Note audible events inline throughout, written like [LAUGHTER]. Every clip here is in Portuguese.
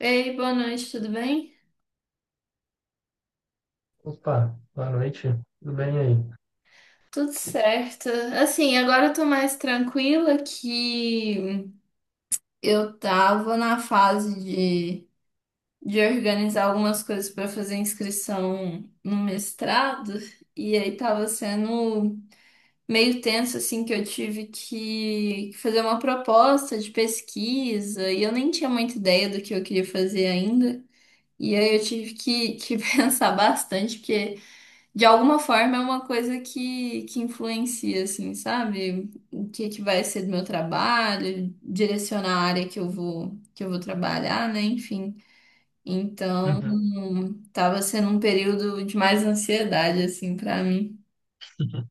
Ei, boa noite, tudo bem? Opa, boa noite. Tudo bem aí? Tudo certo. Assim, agora eu tô mais tranquila que eu tava na fase de organizar algumas coisas pra fazer inscrição no mestrado, e aí tava sendo meio tenso, assim, que eu tive que fazer uma proposta de pesquisa, e eu nem tinha muita ideia do que eu queria fazer ainda. E aí eu tive que [LAUGHS] pensar bastante, porque. De alguma forma é uma coisa que influencia, assim, sabe? O que que vai ser do meu trabalho, direcionar a área que eu vou trabalhar, né? Enfim. Então, Uhum. tava sendo um período de mais ansiedade, assim, pra mim. [LAUGHS]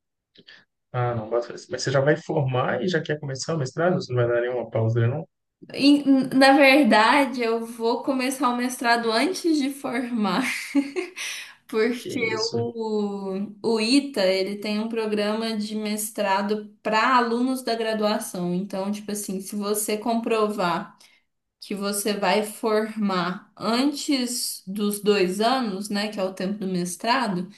Ah, não, bota fé. Mas você já vai formar e já quer começar o mestrado? Você não vai dar nenhuma pausa, né, não? E, na verdade, eu vou começar o mestrado antes de formar. [LAUGHS] Que Porque isso? o ITA, ele tem um programa de mestrado para alunos da graduação. Então, tipo assim, se você comprovar que você vai formar antes dos 2 anos, né, que é o tempo do mestrado,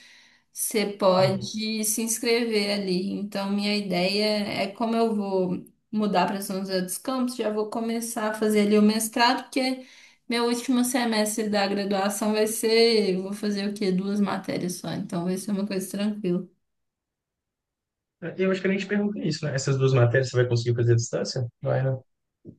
você Uhum. pode se inscrever ali. Então, minha ideia é como eu vou mudar para São José dos Campos, já vou começar a fazer ali o mestrado, porque meu último semestre da graduação vai ser, eu vou fazer o quê? Duas matérias só, então vai ser uma coisa tranquila. Eu acho que eu nem te perguntei isso, né? Essas duas matérias você vai conseguir fazer à distância? Vai, né?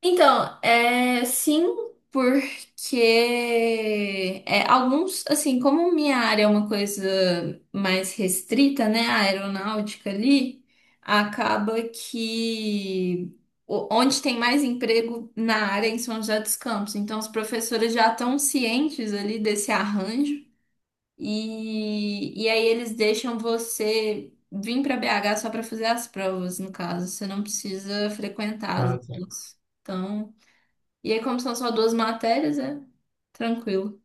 Então, é, sim, porque é, alguns, assim, como minha área é uma coisa mais restrita, né, a aeronáutica ali, acaba que onde tem mais emprego na área é em São José dos Campos, então os professores já estão cientes ali desse arranjo e aí eles deixam você vir para BH só para fazer as provas, no caso, você não precisa frequentar as Ah, tá. aulas. Então, e aí, como são só duas matérias, é tranquilo.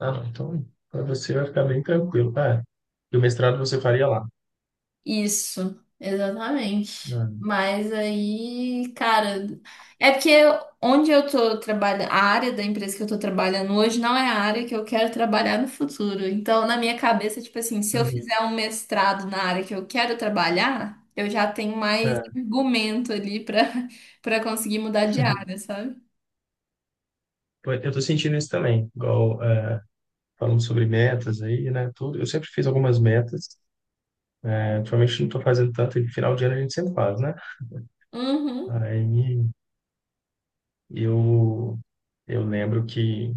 Ah, não. Então, para você vai ficar bem tranquilo. Ah, e o mestrado você faria lá. Isso, exatamente. Ah, Mas aí, cara, é porque onde eu tô trabalhando, a área da empresa que eu tô trabalhando hoje não é a área que eu quero trabalhar no futuro. Então, na minha cabeça, tipo assim, se eu uhum. fizer um mestrado na área que eu quero trabalhar, eu já tenho mais É. argumento ali pra [LAUGHS] para conseguir mudar de área, [LAUGHS] sabe? Pô, eu tô sentindo isso também, igual é, falando sobre metas aí, né? Tudo. Eu sempre fiz algumas metas, né? Ultimamente não tô fazendo tanto, e final de ano a gente sempre faz, né? Uhum, Aí eu, eu lembro que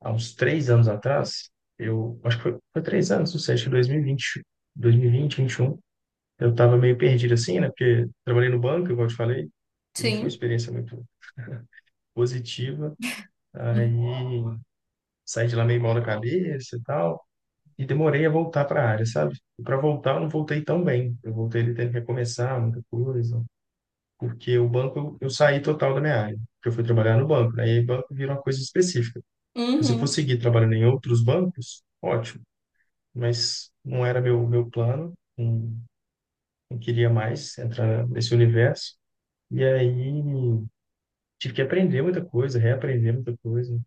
há uns 3 anos atrás, eu acho que foi, foi 3 anos, não sei, acho que 2020, 2020, 2021, eu estava meio perdido assim, né? Porque trabalhei no banco, igual eu te falei, e não foi uma sim. experiência muito positiva. Aí saí de lá meio mal da cabeça e tal, e demorei a voltar para a área, sabe? E para voltar, eu não voltei tão bem. Eu voltei ali tendo que recomeçar muita coisa. Porque o banco eu saí total da minha área, porque eu fui trabalhar no banco, né? E aí banco vira uma coisa específica. Então, se eu for Uhum, seguir trabalhando em outros bancos, ótimo, mas não era meu plano, não, não queria mais entrar nesse universo. E aí tive que aprender muita coisa, reaprender muita coisa.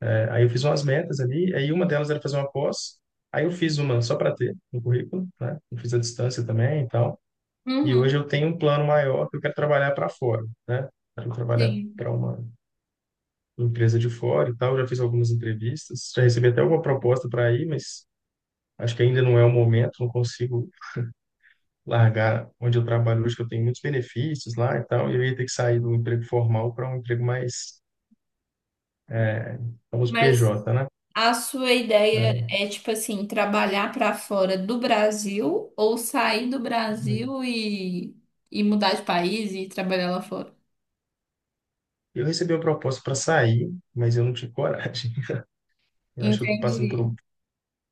É, aí eu fiz umas metas ali, aí uma delas era fazer uma pós, aí eu fiz uma só para ter no currículo, né? Eu fiz a distância também e tal. E hoje uhum, eu tenho um plano maior que eu quero trabalhar para fora, né? Quero trabalhar sim. para uma empresa de fora e tal, já fiz algumas entrevistas, já recebi até alguma proposta para ir, mas acho que ainda não é o momento, não consigo largar onde eu trabalho hoje, que eu tenho muitos benefícios lá e tal, e eu ia ter que sair do emprego formal para um emprego mais, famoso Mas PJ, né? a sua ideia É. é, tipo assim, trabalhar para fora do Brasil ou sair do Brasil e mudar de país e trabalhar lá fora? Eu recebi uma proposta para sair, mas eu não tive coragem. [LAUGHS] Eu acho que eu tô passando por Entendi. um.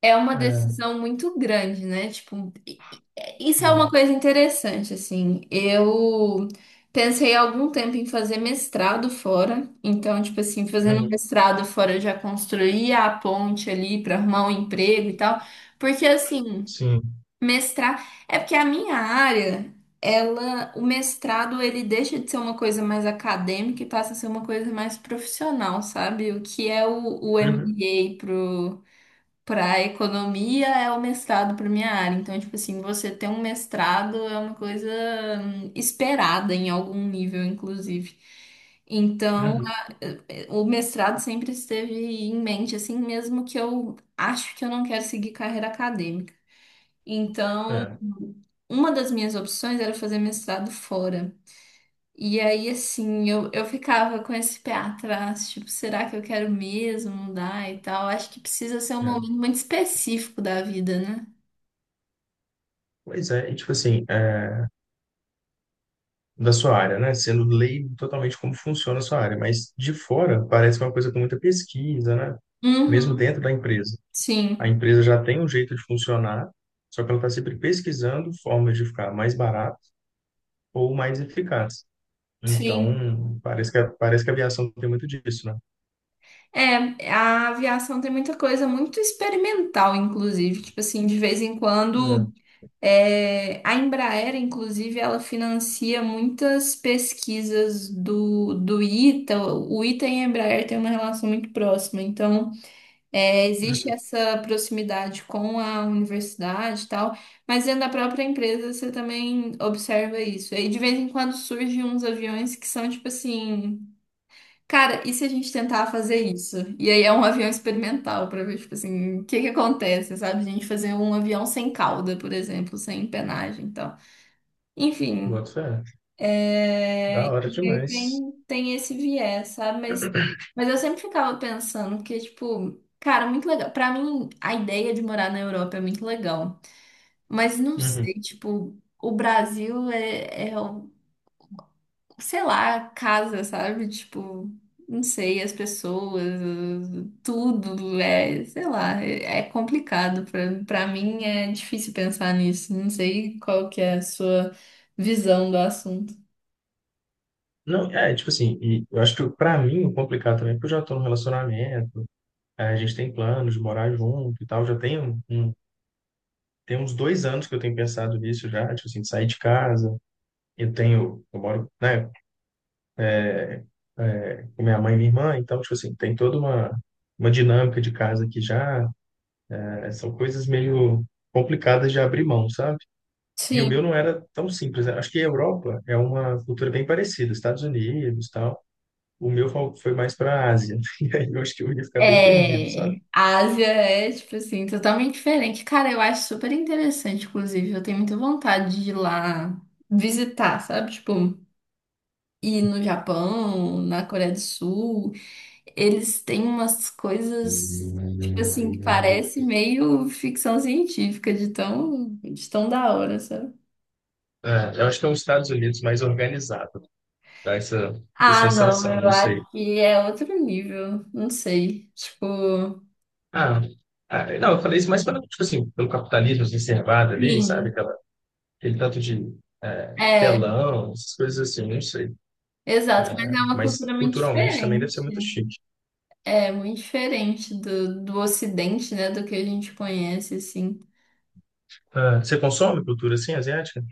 É uma É, decisão muito grande, né? Tipo, isso é uma é. coisa interessante, assim. Eu pensei há algum tempo em fazer mestrado fora. Então, tipo assim, fazendo Uhum, mestrado fora, eu já construía a ponte ali para arrumar um emprego e tal. Porque, assim. sim. Mestrar é porque a minha área, ela, o mestrado ele deixa de ser uma coisa mais acadêmica e passa a ser uma coisa mais profissional, sabe? O que é o Uhum, MBA pro para economia é o mestrado para minha área. Então, tipo assim, você ter um mestrado é uma coisa esperada em algum nível, inclusive. Então, uhum, o mestrado sempre esteve em mente, assim, mesmo que eu acho que eu não quero seguir carreira acadêmica. Então, é, uma das minhas opções era fazer mestrado fora. E aí, assim, eu ficava com esse pé atrás, tipo, será que eu quero mesmo mudar e tal? Acho que precisa ser um momento é. muito específico da vida, né? Pois é, e tipo assim, é, da sua área, né? Sendo leigo totalmente como funciona a sua área, mas de fora parece uma coisa com muita pesquisa, né? Mesmo Uhum, dentro da empresa. A sim, empresa já tem um jeito de funcionar, só que ela está sempre pesquisando formas de ficar mais barato ou mais eficaz. sim. Então, parece que a aviação tem muito disso, né? É, a aviação tem muita coisa muito experimental, inclusive. Tipo assim, de vez em quando. É. É, a Embraer, inclusive, ela financia muitas pesquisas do ITA. O ITA e a Embraer têm uma relação muito próxima, então é, existe Uhum. essa proximidade com a universidade e tal, mas dentro da própria empresa você também observa isso. E de vez em quando surgem uns aviões que são tipo assim. Cara, e se a gente tentar fazer isso? E aí é um avião experimental pra ver, tipo assim, o que que acontece, sabe? A gente fazer um avião sem cauda, por exemplo, sem empenagem e tal. Enfim, Boto fé. Da hora e aí demais. tem esse viés, sabe? Mas eu sempre ficava pensando que, tipo, cara, muito legal. Pra mim, a ideia de morar na Europa é muito legal. Mas não sei, Uhum. tipo, o Brasil é um sei lá, casa, sabe? Tipo, não sei, as pessoas, tudo é, sei lá, é complicado. Pra mim é difícil pensar nisso. Não sei qual que é a sua visão do assunto. Não, é, tipo assim, e eu acho que pra mim o complicado também, é porque eu já tô num relacionamento, é, a gente tem planos de morar junto e tal, já tem um. Tem uns 2 anos que eu tenho pensado nisso já, tipo assim, de sair de casa. Eu tenho, eu moro, né, é, com minha mãe e minha irmã, então, tipo assim, tem toda uma dinâmica de casa aqui já. É, são coisas meio complicadas de abrir mão, sabe? E o meu Sim, não era tão simples. Né? Acho que a Europa é uma cultura bem parecida, Estados Unidos, tal. O meu foi mais para a Ásia. [LAUGHS] E aí eu acho que eu ia ficar bem perdido, sabe? é, a Ásia é, tipo assim, totalmente diferente. Cara, eu acho super interessante, inclusive. Eu tenho muita vontade de ir lá visitar, sabe? Tipo, ir no Japão, na Coreia do Sul. Eles têm umas coisas, tipo assim, que parece meio ficção científica, de tão da hora, sabe? É, eu acho que é os Estados Unidos mais organizado, dá essa Ah, não, sensação, eu não sei. acho que é outro nível, não sei. Tipo, Ah, ah, não, eu falei isso mais pelo, tipo assim, pelo capitalismo exacerbado ali, sabe? sim. Aquela, aquele tanto de É, telão, essas coisas assim, não sei. exato, mas é Eh, uma mas cultura muito culturalmente também deve diferente. ser muito chique. É, muito diferente do Ocidente, né, do que a gente conhece, assim. Ah, você consome cultura assim, asiática?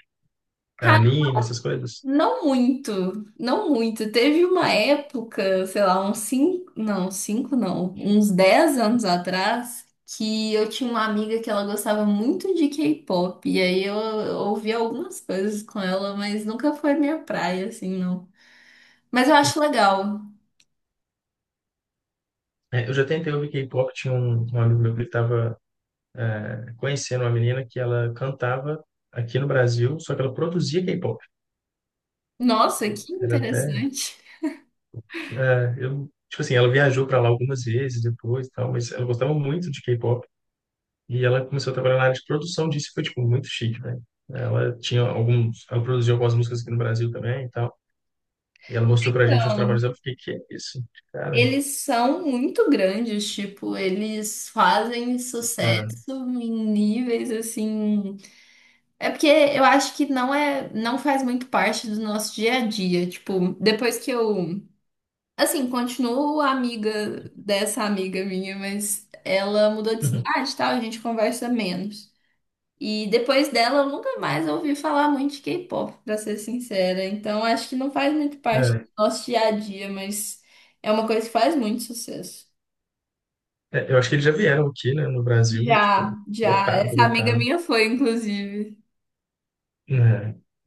É, anime, essas coisas? Não muito, não muito. Teve uma época, sei lá, uns cinco não, uns 10 anos atrás, que eu tinha uma amiga que ela gostava muito de K-pop, e aí eu ouvi algumas coisas com ela, mas nunca foi minha praia, assim, não. Mas eu acho legal. Eh, eu já tentei ouvir K-pop, tinha um amigo meu que ele tava conhecendo uma menina que ela cantava aqui no Brasil, só que ela produzia K-pop. Nossa, que Era até, interessante. Eu, tipo assim, ela viajou para lá algumas vezes depois e tal, mas ela gostava muito de K-pop. E ela começou a trabalhar na área de produção disso, e foi, tipo, muito chique, né? Ela tinha alguns... Ela produziu algumas músicas aqui no Brasil também e tal. E ela mostrou pra gente uns trabalhos. Então, Eu fiquei, que é isso? Cara, eles são muito grandes, tipo, eles fazem sucesso hum. em níveis assim. É porque eu acho que não é, não faz muito parte do nosso dia a dia. Tipo, depois que eu, assim, continuo amiga dessa amiga minha, mas ela mudou de Uhum. cidade e tal, a gente conversa menos. E depois dela, eu nunca mais ouvi falar muito de K-pop, pra ser sincera. Então, acho que não faz muito parte do nosso dia a dia, mas é uma coisa que faz muito sucesso. É, é, eu acho que eles já vieram aqui, né, no Brasil e, Já, tipo, já. lotado, Essa amiga lotado. minha foi, inclusive.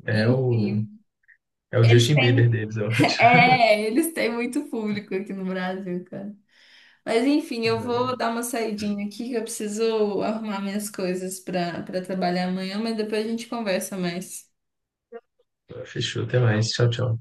É, é o... Enfim. É o Eles Justin Bieber têm deles, eu acho. eles têm muito público aqui no Brasil, cara. Mas enfim, eu vou dar [LAUGHS] uma saidinha aqui que eu preciso arrumar minhas coisas para trabalhar amanhã, mas depois a gente conversa mais. Fechou, até mais. Tchau, tchau.